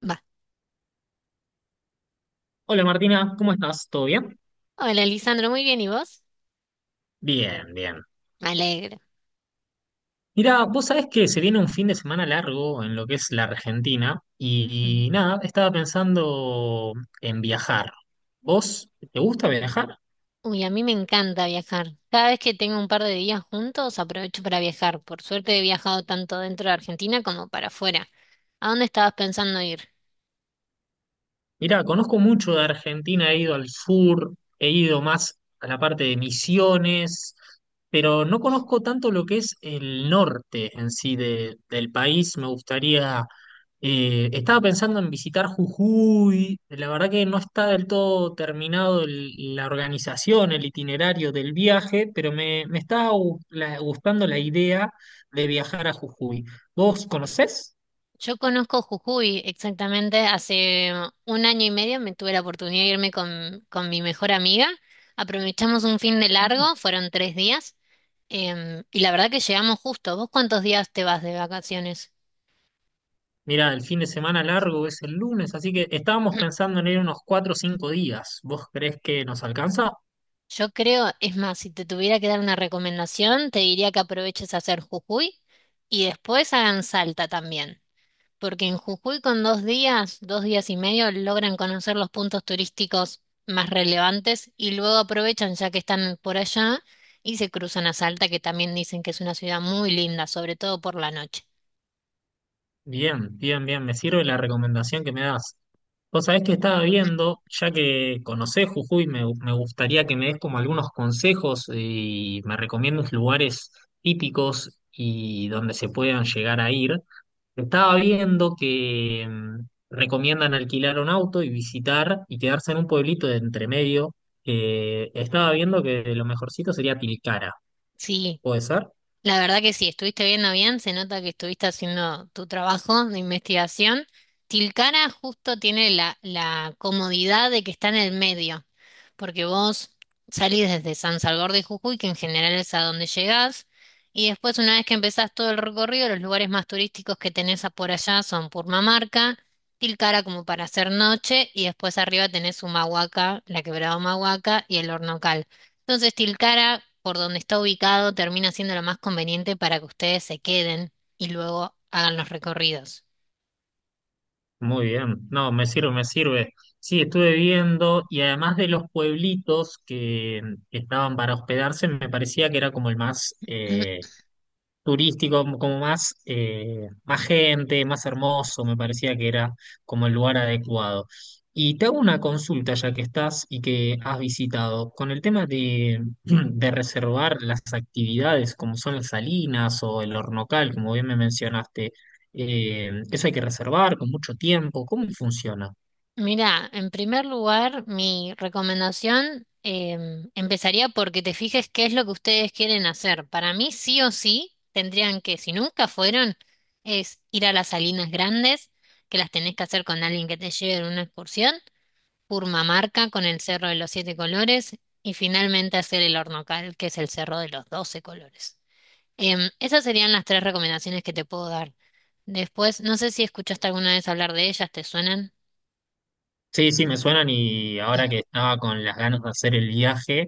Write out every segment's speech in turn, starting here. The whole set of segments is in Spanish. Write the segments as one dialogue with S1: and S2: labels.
S1: Va.
S2: Hola Martina, ¿cómo estás? ¿Todo bien?
S1: Hola, Lisandro, muy bien, ¿y vos?
S2: Bien, bien.
S1: Me alegro.
S2: Mira, vos sabés que se viene un fin de semana largo en lo que es la Argentina
S1: Ujú.
S2: y nada, estaba pensando en viajar. ¿Vos te gusta viajar?
S1: Uy, a mí me encanta viajar. Cada vez que tengo un par de días juntos, aprovecho para viajar. Por suerte he viajado tanto dentro de Argentina como para afuera. ¿A dónde estabas pensando ir?
S2: Mirá, conozco mucho de Argentina, he ido al sur, he ido más a la parte de Misiones, pero no conozco tanto lo que es el norte en sí del país. Me gustaría, estaba pensando en visitar Jujuy, la verdad que no está del todo terminado la organización, el itinerario del viaje, pero me está gustando la idea de viajar a Jujuy. ¿Vos conocés?
S1: Yo conozco Jujuy exactamente. Hace un año y medio me tuve la oportunidad de irme con mi mejor amiga. Aprovechamos un fin de largo, fueron 3 días. Y la verdad que llegamos justo. ¿Vos cuántos días te vas de vacaciones?
S2: Mira, el fin de semana largo es el lunes, así que estábamos pensando en ir unos cuatro o cinco días. ¿Vos creés que nos alcanza?
S1: Yo creo, es más, si te tuviera que dar una recomendación, te diría que aproveches a hacer Jujuy y después hagan Salta también, porque en Jujuy con 2 días, 2 días y medio, logran conocer los puntos turísticos más relevantes y luego aprovechan ya que están por allá y se cruzan a Salta, que también dicen que es una ciudad muy linda, sobre todo por la noche.
S2: Bien, bien, bien, me sirve la recomendación que me das. Vos sabés que estaba viendo, ya que conocés Jujuy, me gustaría que me des como algunos consejos y me recomiendes lugares típicos y donde se puedan llegar a ir. Estaba viendo que recomiendan alquilar un auto y visitar y quedarse en un pueblito de entremedio. Estaba viendo que lo mejorcito sería Tilcara.
S1: Sí.
S2: ¿Puede ser?
S1: La verdad que sí, estuviste viendo bien, se nota que estuviste haciendo tu trabajo de investigación. Tilcara justo tiene la comodidad de que está en el medio, porque vos salís desde San Salvador de Jujuy, que en general es a donde llegás, y después una vez que empezás todo el recorrido, los lugares más turísticos que tenés a por allá son Purmamarca, Tilcara como para hacer noche, y después arriba tenés Humahuaca, la quebrada Humahuaca y el Hornocal. Entonces, Tilcara, por donde está ubicado, termina siendo lo más conveniente para que ustedes se queden y luego hagan los recorridos.
S2: Muy bien. No, me sirve, me sirve. Sí, estuve viendo y además de los pueblitos que estaban para hospedarse, me parecía que era como el más turístico, como más, más gente, más hermoso, me parecía que era como el lugar adecuado. Y te hago una consulta ya que estás y que has visitado, con el tema de, de reservar las actividades como son las salinas o el hornocal, como bien me mencionaste, eso hay que reservar con mucho tiempo, ¿cómo funciona?
S1: Mira, en primer lugar, mi recomendación empezaría porque te fijes qué es lo que ustedes quieren hacer. Para mí, sí o sí, tendrían que, si nunca fueron, es ir a las Salinas Grandes, que las tenés que hacer con alguien que te lleve en una excursión. Purmamarca con el Cerro de los Siete Colores y finalmente hacer el Hornocal, que es el Cerro de los Doce Colores. Esas serían las tres recomendaciones que te puedo dar. Después, no sé si escuchaste alguna vez hablar de ellas, ¿te suenan?
S2: Sí, sí, me suenan y ahora que estaba con las ganas de hacer el viaje,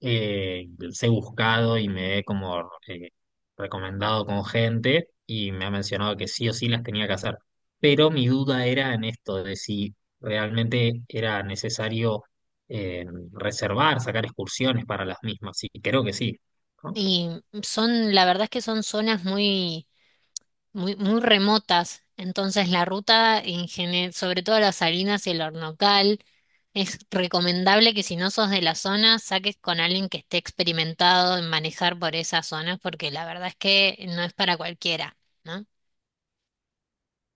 S2: los he buscado y me he como recomendado con gente y me ha mencionado que sí o sí las tenía que hacer. Pero mi duda era en esto de si realmente era necesario eh, reservar, sacar excursiones para las mismas. Y creo que sí. ¿No?
S1: Y son, la verdad es que son zonas muy muy, muy remotas. Entonces la ruta, en gene- sobre todo las Salinas y el Hornocal, es recomendable que si no sos de la zona, saques con alguien que esté experimentado en manejar por esas zonas, porque la verdad es que no es para cualquiera, ¿no?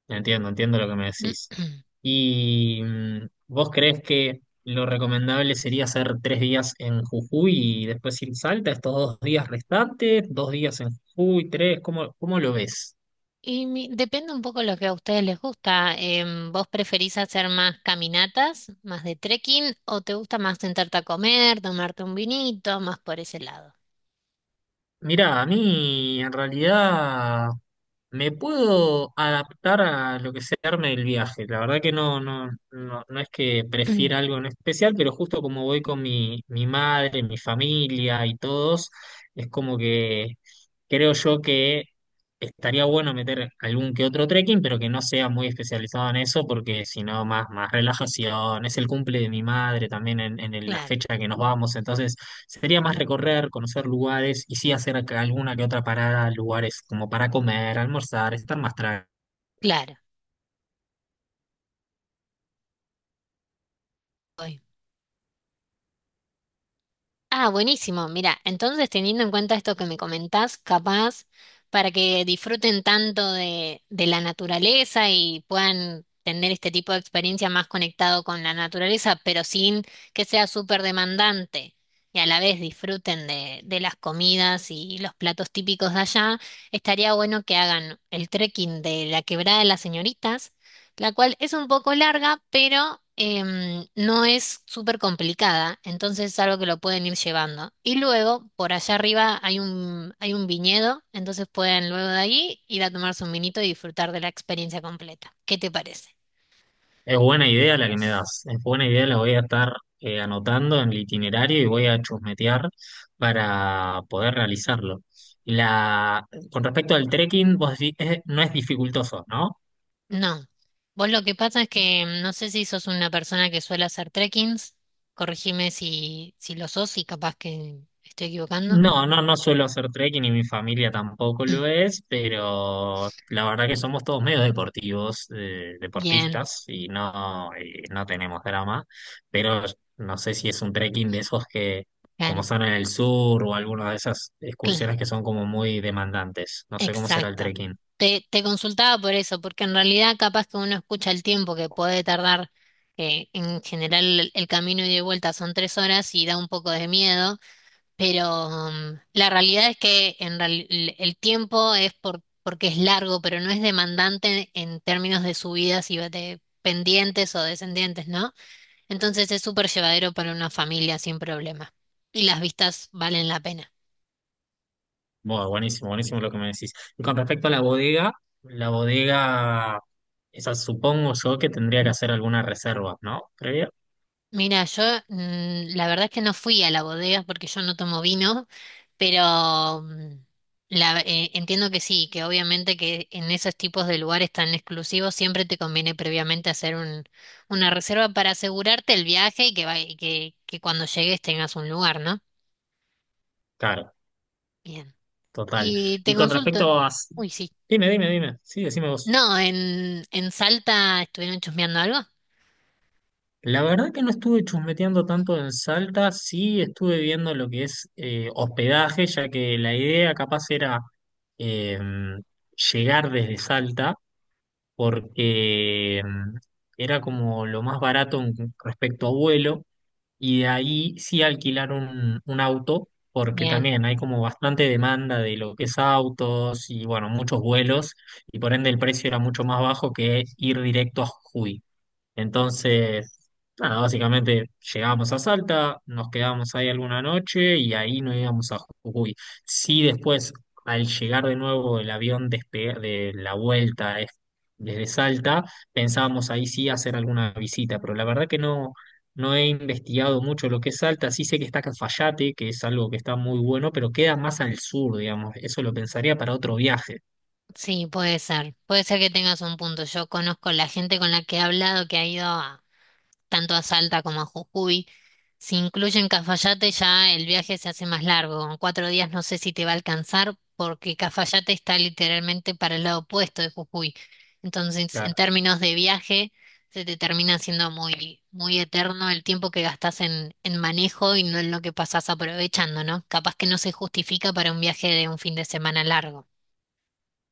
S2: Entiendo, entiendo lo que me decís. ¿Y vos crees que lo recomendable sería hacer tres días en Jujuy y después ir a Salta, estos dos días restantes, dos días en Jujuy, tres? ¿Cómo, cómo lo ves?
S1: Depende un poco lo que a ustedes les gusta. ¿Vos preferís hacer más caminatas, más de trekking, o te gusta más sentarte a comer, tomarte un vinito, más por ese lado?
S2: Mirá, a mí en realidad me puedo adaptar a lo que se arme el viaje. La verdad que no es que prefiera algo en especial, pero justo como voy con mi madre, mi familia y todos, es como que creo yo que estaría bueno meter algún que otro trekking, pero que no sea muy especializado en eso, porque si no, más relajación. Es el cumple de mi madre también en la
S1: Claro,
S2: fecha que nos vamos, entonces sería más recorrer, conocer lugares y sí hacer acá alguna que otra parada, lugares como para comer, almorzar, estar más tranquilo.
S1: claro. Ah, buenísimo. Mira, entonces teniendo en cuenta esto que me comentás, capaz para que disfruten tanto de la naturaleza y puedan tener este tipo de experiencia más conectado con la naturaleza, pero sin que sea súper demandante y a la vez disfruten de las comidas y los platos típicos de allá, estaría bueno que hagan el trekking de la Quebrada de las Señoritas la cual es un poco larga, pero no es súper complicada, entonces es algo que lo pueden ir llevando. Y luego, por allá arriba hay un viñedo, entonces pueden luego de ahí ir a tomarse un vinito y disfrutar de la experiencia completa. ¿Qué te parece?
S2: Es buena idea la que me das, es buena idea, la voy a estar anotando en el itinerario y voy a chusmetear para poder realizarlo. La, con respecto al trekking, vos decís, no es dificultoso, ¿no?
S1: No. Vos lo que pasa es que no sé si sos una persona que suele hacer trekkings, corregime si lo sos y capaz que estoy equivocando.
S2: No, no, no suelo hacer trekking y mi familia tampoco lo es, pero la verdad que somos todos medio deportivos,
S1: Bien,
S2: deportistas y no, no tenemos drama, pero no sé si es un trekking de esos que como
S1: claro.
S2: son en el sur o alguna de esas
S1: Claro.
S2: excursiones que son como muy demandantes. No sé cómo será el
S1: Exacto.
S2: trekking.
S1: Te consultaba por eso, porque en realidad capaz que uno escucha el tiempo que puede tardar, en general el camino y de vuelta son 3 horas y da un poco de miedo, pero la realidad es que el tiempo es porque es largo, pero no es demandante en términos de subidas y de pendientes o descendientes, ¿no? Entonces es súper llevadero para una familia sin problema. Y las vistas valen la pena.
S2: Bueno, buenísimo, buenísimo lo que me decís. Y con respecto a la bodega, la bodega, esa supongo yo que tendría que hacer alguna reserva, ¿no? Previa.
S1: Mira, yo la verdad es que no fui a la bodega porque yo no tomo vino, pero entiendo que sí, que obviamente que en esos tipos de lugares tan exclusivos siempre te conviene previamente hacer una reserva para asegurarte el viaje y que, cuando llegues tengas un lugar, ¿no?
S2: Claro.
S1: Bien.
S2: Total.
S1: Y
S2: Y
S1: te
S2: con
S1: consulto.
S2: respecto a...
S1: Uy, sí.
S2: Dime, dime, dime. Sí, decime vos.
S1: No, en Salta estuvieron chusmeando algo.
S2: La verdad que no estuve chusmeteando tanto en Salta, sí estuve viendo lo que es hospedaje, ya que la idea capaz era eh, llegar desde Salta, porque era como lo más barato respecto a vuelo, y de ahí sí alquilar un auto, porque
S1: Bien,
S2: también hay como bastante demanda de lo que es autos y bueno, muchos vuelos, y por ende el precio era mucho más bajo que ir directo a Jujuy. Entonces, nada, básicamente llegábamos a Salta, nos quedábamos ahí alguna noche y ahí nos íbamos a Jujuy. Sí, después, al llegar de nuevo el avión de la vuelta desde Salta, pensábamos ahí sí hacer alguna visita, pero la verdad que no, no he investigado mucho lo que es Salta. Sí sé que está Cafayate, que es algo que está muy bueno, pero queda más al sur, digamos. Eso lo pensaría para otro viaje.
S1: sí, puede ser. Puede ser que tengas un punto. Yo conozco la gente con la que he hablado que ha ido tanto a Salta como a Jujuy. Si incluyen Cafayate, ya el viaje se hace más largo. Con 4 días no sé si te va a alcanzar, porque Cafayate está literalmente para el lado opuesto de Jujuy. Entonces, en
S2: Claro.
S1: términos de viaje, se te termina haciendo muy, muy eterno el tiempo que gastas en manejo y no en lo que pasás aprovechando, ¿no? Capaz que no se justifica para un viaje de un fin de semana largo.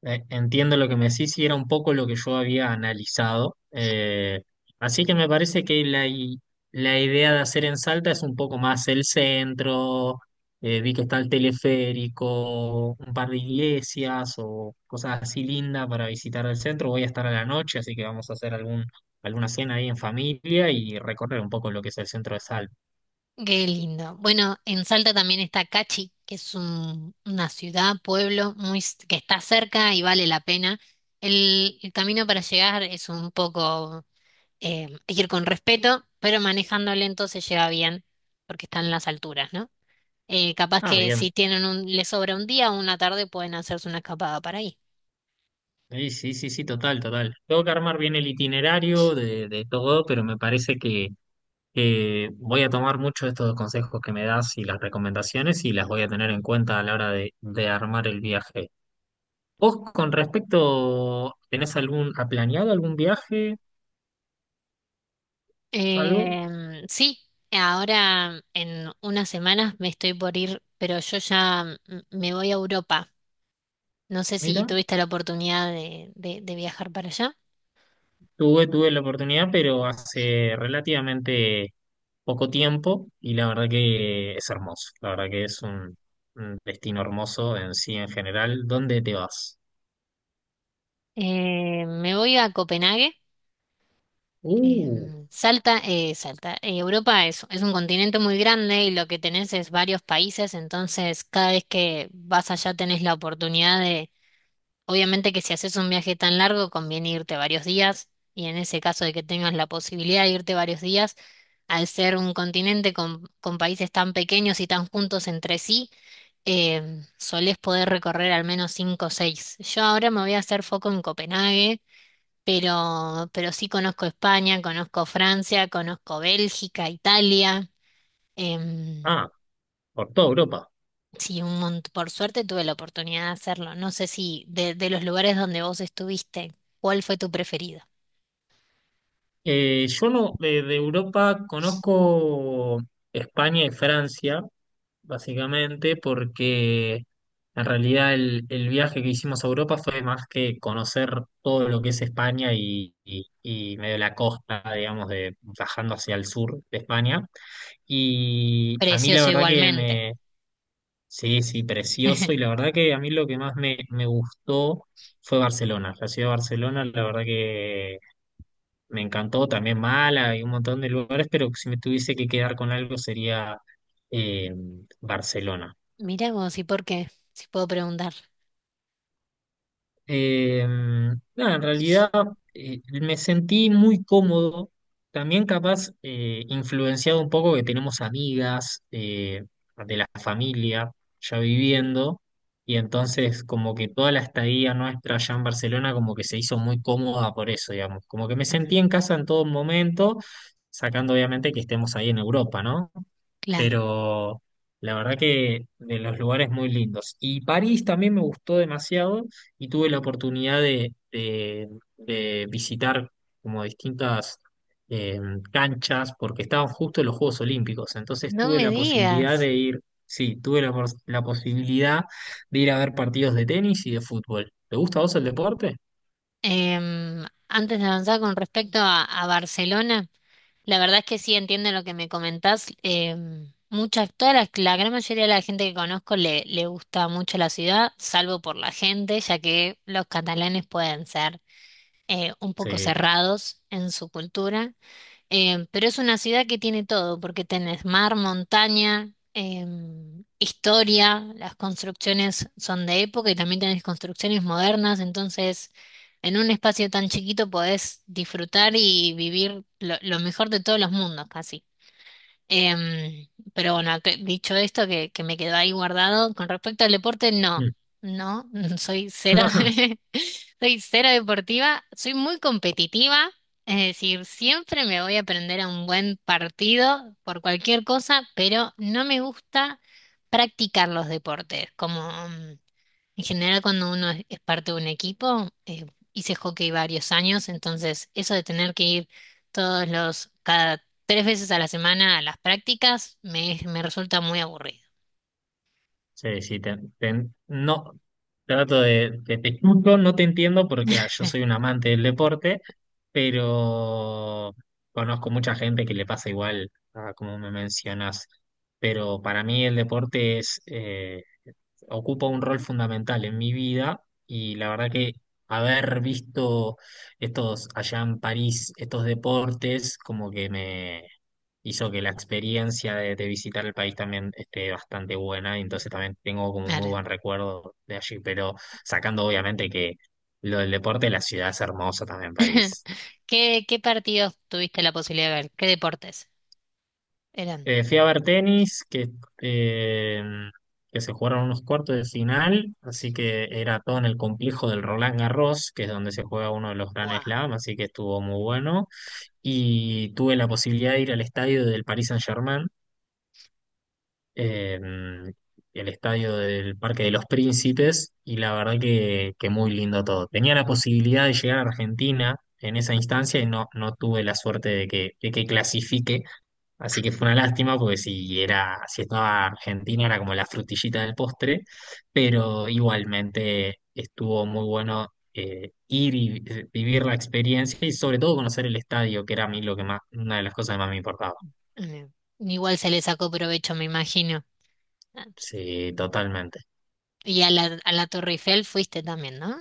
S2: Entiendo lo que me decís y era un poco lo que yo había analizado. Así que me parece que la idea de hacer en Salta es un poco más el centro. Vi que está el teleférico, un par de iglesias o cosas así lindas para visitar el centro. Voy a estar a la noche, así que vamos a hacer alguna cena ahí en familia y recorrer un poco lo que es el centro de Salta.
S1: Qué lindo. Bueno, en Salta también está Cachi, una ciudad, pueblo, muy, que está cerca y vale la pena. El camino para llegar es un poco, hay que ir con respeto, pero manejando lento se llega bien, porque están en las alturas, ¿no? Capaz
S2: Ah,
S1: que
S2: bien.
S1: si tienen les sobra un día o una tarde, pueden hacerse una escapada para ahí.
S2: Sí, sí, sí, sí, total, total. Tengo que armar bien el itinerario de todo, pero me parece que voy a tomar mucho estos consejos que me das y las recomendaciones y las voy a tener en cuenta a la hora de armar el viaje. ¿Vos con respecto, tenés algún, ha planeado algún viaje, algo?
S1: Sí, ahora en unas semanas me estoy por ir, pero yo ya me voy a Europa. No sé si
S2: Mira,
S1: tuviste la oportunidad de viajar para allá.
S2: tuve, tuve la oportunidad, pero hace relativamente poco tiempo y la verdad que es hermoso. La verdad que es un destino hermoso en sí en general. ¿Dónde te vas?
S1: Me voy a Copenhague.
S2: Uh,
S1: Salta, Salta. Europa es un continente muy grande y lo que tenés es varios países, entonces cada vez que vas allá tenés la oportunidad de, obviamente que si haces un viaje tan largo conviene irte varios días y en ese caso de que tengas la posibilidad de irte varios días, al ser un continente con países tan pequeños y tan juntos entre sí. Solés poder recorrer al menos cinco o seis. Yo ahora me voy a hacer foco en Copenhague, pero sí conozco España, conozco Francia, conozco Bélgica, Italia. em,
S2: ah, por toda Europa.
S1: sí, por suerte tuve la oportunidad de hacerlo. No sé si de los lugares donde vos estuviste, ¿cuál fue tu preferido?
S2: Yo no, de Europa conozco España y Francia, básicamente, porque en realidad el viaje que hicimos a Europa fue más que conocer todo lo que es España y medio la costa, digamos, de bajando hacia el sur de España. Y a mí la
S1: Precioso
S2: verdad que
S1: igualmente.
S2: me, sí, sí, precioso. Y la verdad que a mí lo que más me gustó fue Barcelona. La ciudad de Barcelona, la verdad me encantó también Mala y un montón de lugares, pero si me tuviese que quedar con algo sería eh, Barcelona.
S1: Mirá vos, ¿y por qué? Si puedo preguntar.
S2: Eh, Nada, en realidad me sentí muy cómodo, también capaz influenciado un poco que tenemos amigas de la familia ya viviendo, y entonces como que toda la estadía nuestra allá en Barcelona como que se hizo muy cómoda por eso, digamos, como que me sentí en
S1: Ah,
S2: casa en todo momento, sacando obviamente que estemos ahí en Europa, ¿no?
S1: claro.
S2: Pero la verdad que de los lugares muy lindos. Y París también me gustó demasiado y tuve la oportunidad de visitar como distintas eh, canchas porque estaban justo los Juegos Olímpicos, entonces
S1: No
S2: tuve
S1: me
S2: la posibilidad
S1: digas.
S2: de ir, sí, tuve la posibilidad de ir a ver partidos de tenis y de fútbol. ¿Te gusta a vos el deporte?
S1: Antes de avanzar con respecto a Barcelona, la verdad es que sí entiendo lo que me comentás. Toda la gran mayoría de la gente que conozco le gusta mucho la ciudad, salvo por la gente, ya que los catalanes pueden ser un poco
S2: Sí.
S1: cerrados en su cultura. Pero es una ciudad que tiene todo, porque tenés mar, montaña, historia, las construcciones son de época y también tenés construcciones modernas, entonces en un espacio tan chiquito podés disfrutar y vivir lo mejor de todos los mundos, casi. Em, pero bueno, dicho esto, que me quedó ahí guardado, con respecto al deporte,
S2: Mm.
S1: no, no, soy cero, soy cero deportiva, soy muy competitiva, es decir, siempre me voy a prender a un buen partido por cualquier cosa, pero no me gusta practicar los deportes, como, mm, en general, cuando uno es parte de un equipo, hice hockey varios años, entonces eso de tener que ir cada tres veces a la semana a las prácticas, me resulta muy aburrido.
S2: Sí, sí, no, trato te escucho, no te entiendo porque ah, yo soy un amante del deporte, pero conozco mucha gente que le pasa igual, ah, como me mencionas, pero para mí el deporte es, ocupa un rol fundamental en mi vida y la verdad que haber visto estos allá en París, estos deportes, como que me hizo que la experiencia de visitar el país también esté bastante buena y entonces también tengo como muy
S1: Ahora,
S2: buen recuerdo de allí, pero sacando obviamente que lo del deporte, la ciudad es hermosa también, París.
S1: ¿Qué partidos tuviste la posibilidad de ver? ¿Qué deportes eran?
S2: Fui a ver tenis, eh, que se jugaron unos cuartos de final, así que era todo en el complejo del Roland Garros, que es donde se juega uno de los Grand
S1: Guau.
S2: Slam, así que estuvo muy bueno. Y tuve la posibilidad de ir al estadio del Paris Saint-Germain, eh, el estadio del Parque de los Príncipes y la verdad que muy lindo todo. Tenía la posibilidad de llegar a Argentina en esa instancia y no, no tuve la suerte de que clasifique, así que fue una lástima porque si era, si estaba Argentina era como la frutillita del postre, pero igualmente estuvo muy bueno. Ir y vivir la experiencia y sobre todo conocer el estadio, que era a mí lo que más, una de las cosas que más me importaba.
S1: Mm, Igual se le sacó provecho, me imagino. Ah,
S2: Sí,
S1: ¿no?
S2: totalmente.
S1: Y a la Torre Eiffel fuiste también, ¿no?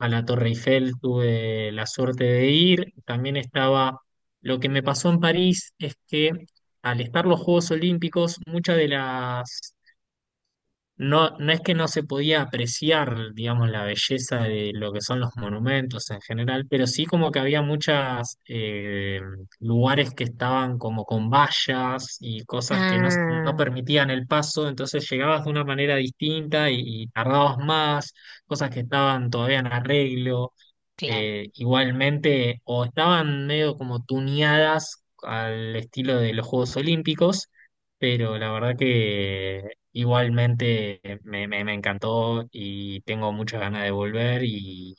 S2: A la Torre Eiffel tuve la suerte de ir. También estaba, lo que me pasó en París es que al estar los Juegos Olímpicos, muchas de las, no, no es que no se podía apreciar, digamos, la belleza de lo que son los monumentos en general, pero sí como que había muchas lugares que estaban como con vallas y cosas que no, no
S1: Ah,
S2: permitían el paso, entonces llegabas de una manera distinta y tardabas más, cosas que estaban todavía en arreglo
S1: claro.
S2: igualmente o estaban medio como tuneadas al estilo de los Juegos Olímpicos, pero la verdad que igualmente me encantó y tengo muchas ganas de volver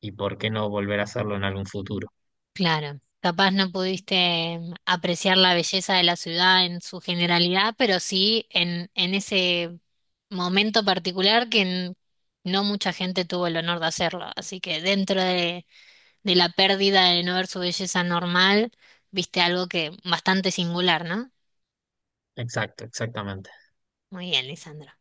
S2: y por qué no volver a hacerlo en algún futuro.
S1: Claro, capaz no pudiste apreciar la belleza de la ciudad en su generalidad, pero sí en ese momento particular que no mucha gente tuvo el honor de hacerlo. Así que dentro de la pérdida de no ver su belleza normal, viste algo que bastante singular, ¿no?
S2: Exacto, exactamente.
S1: Muy bien, Lisandro.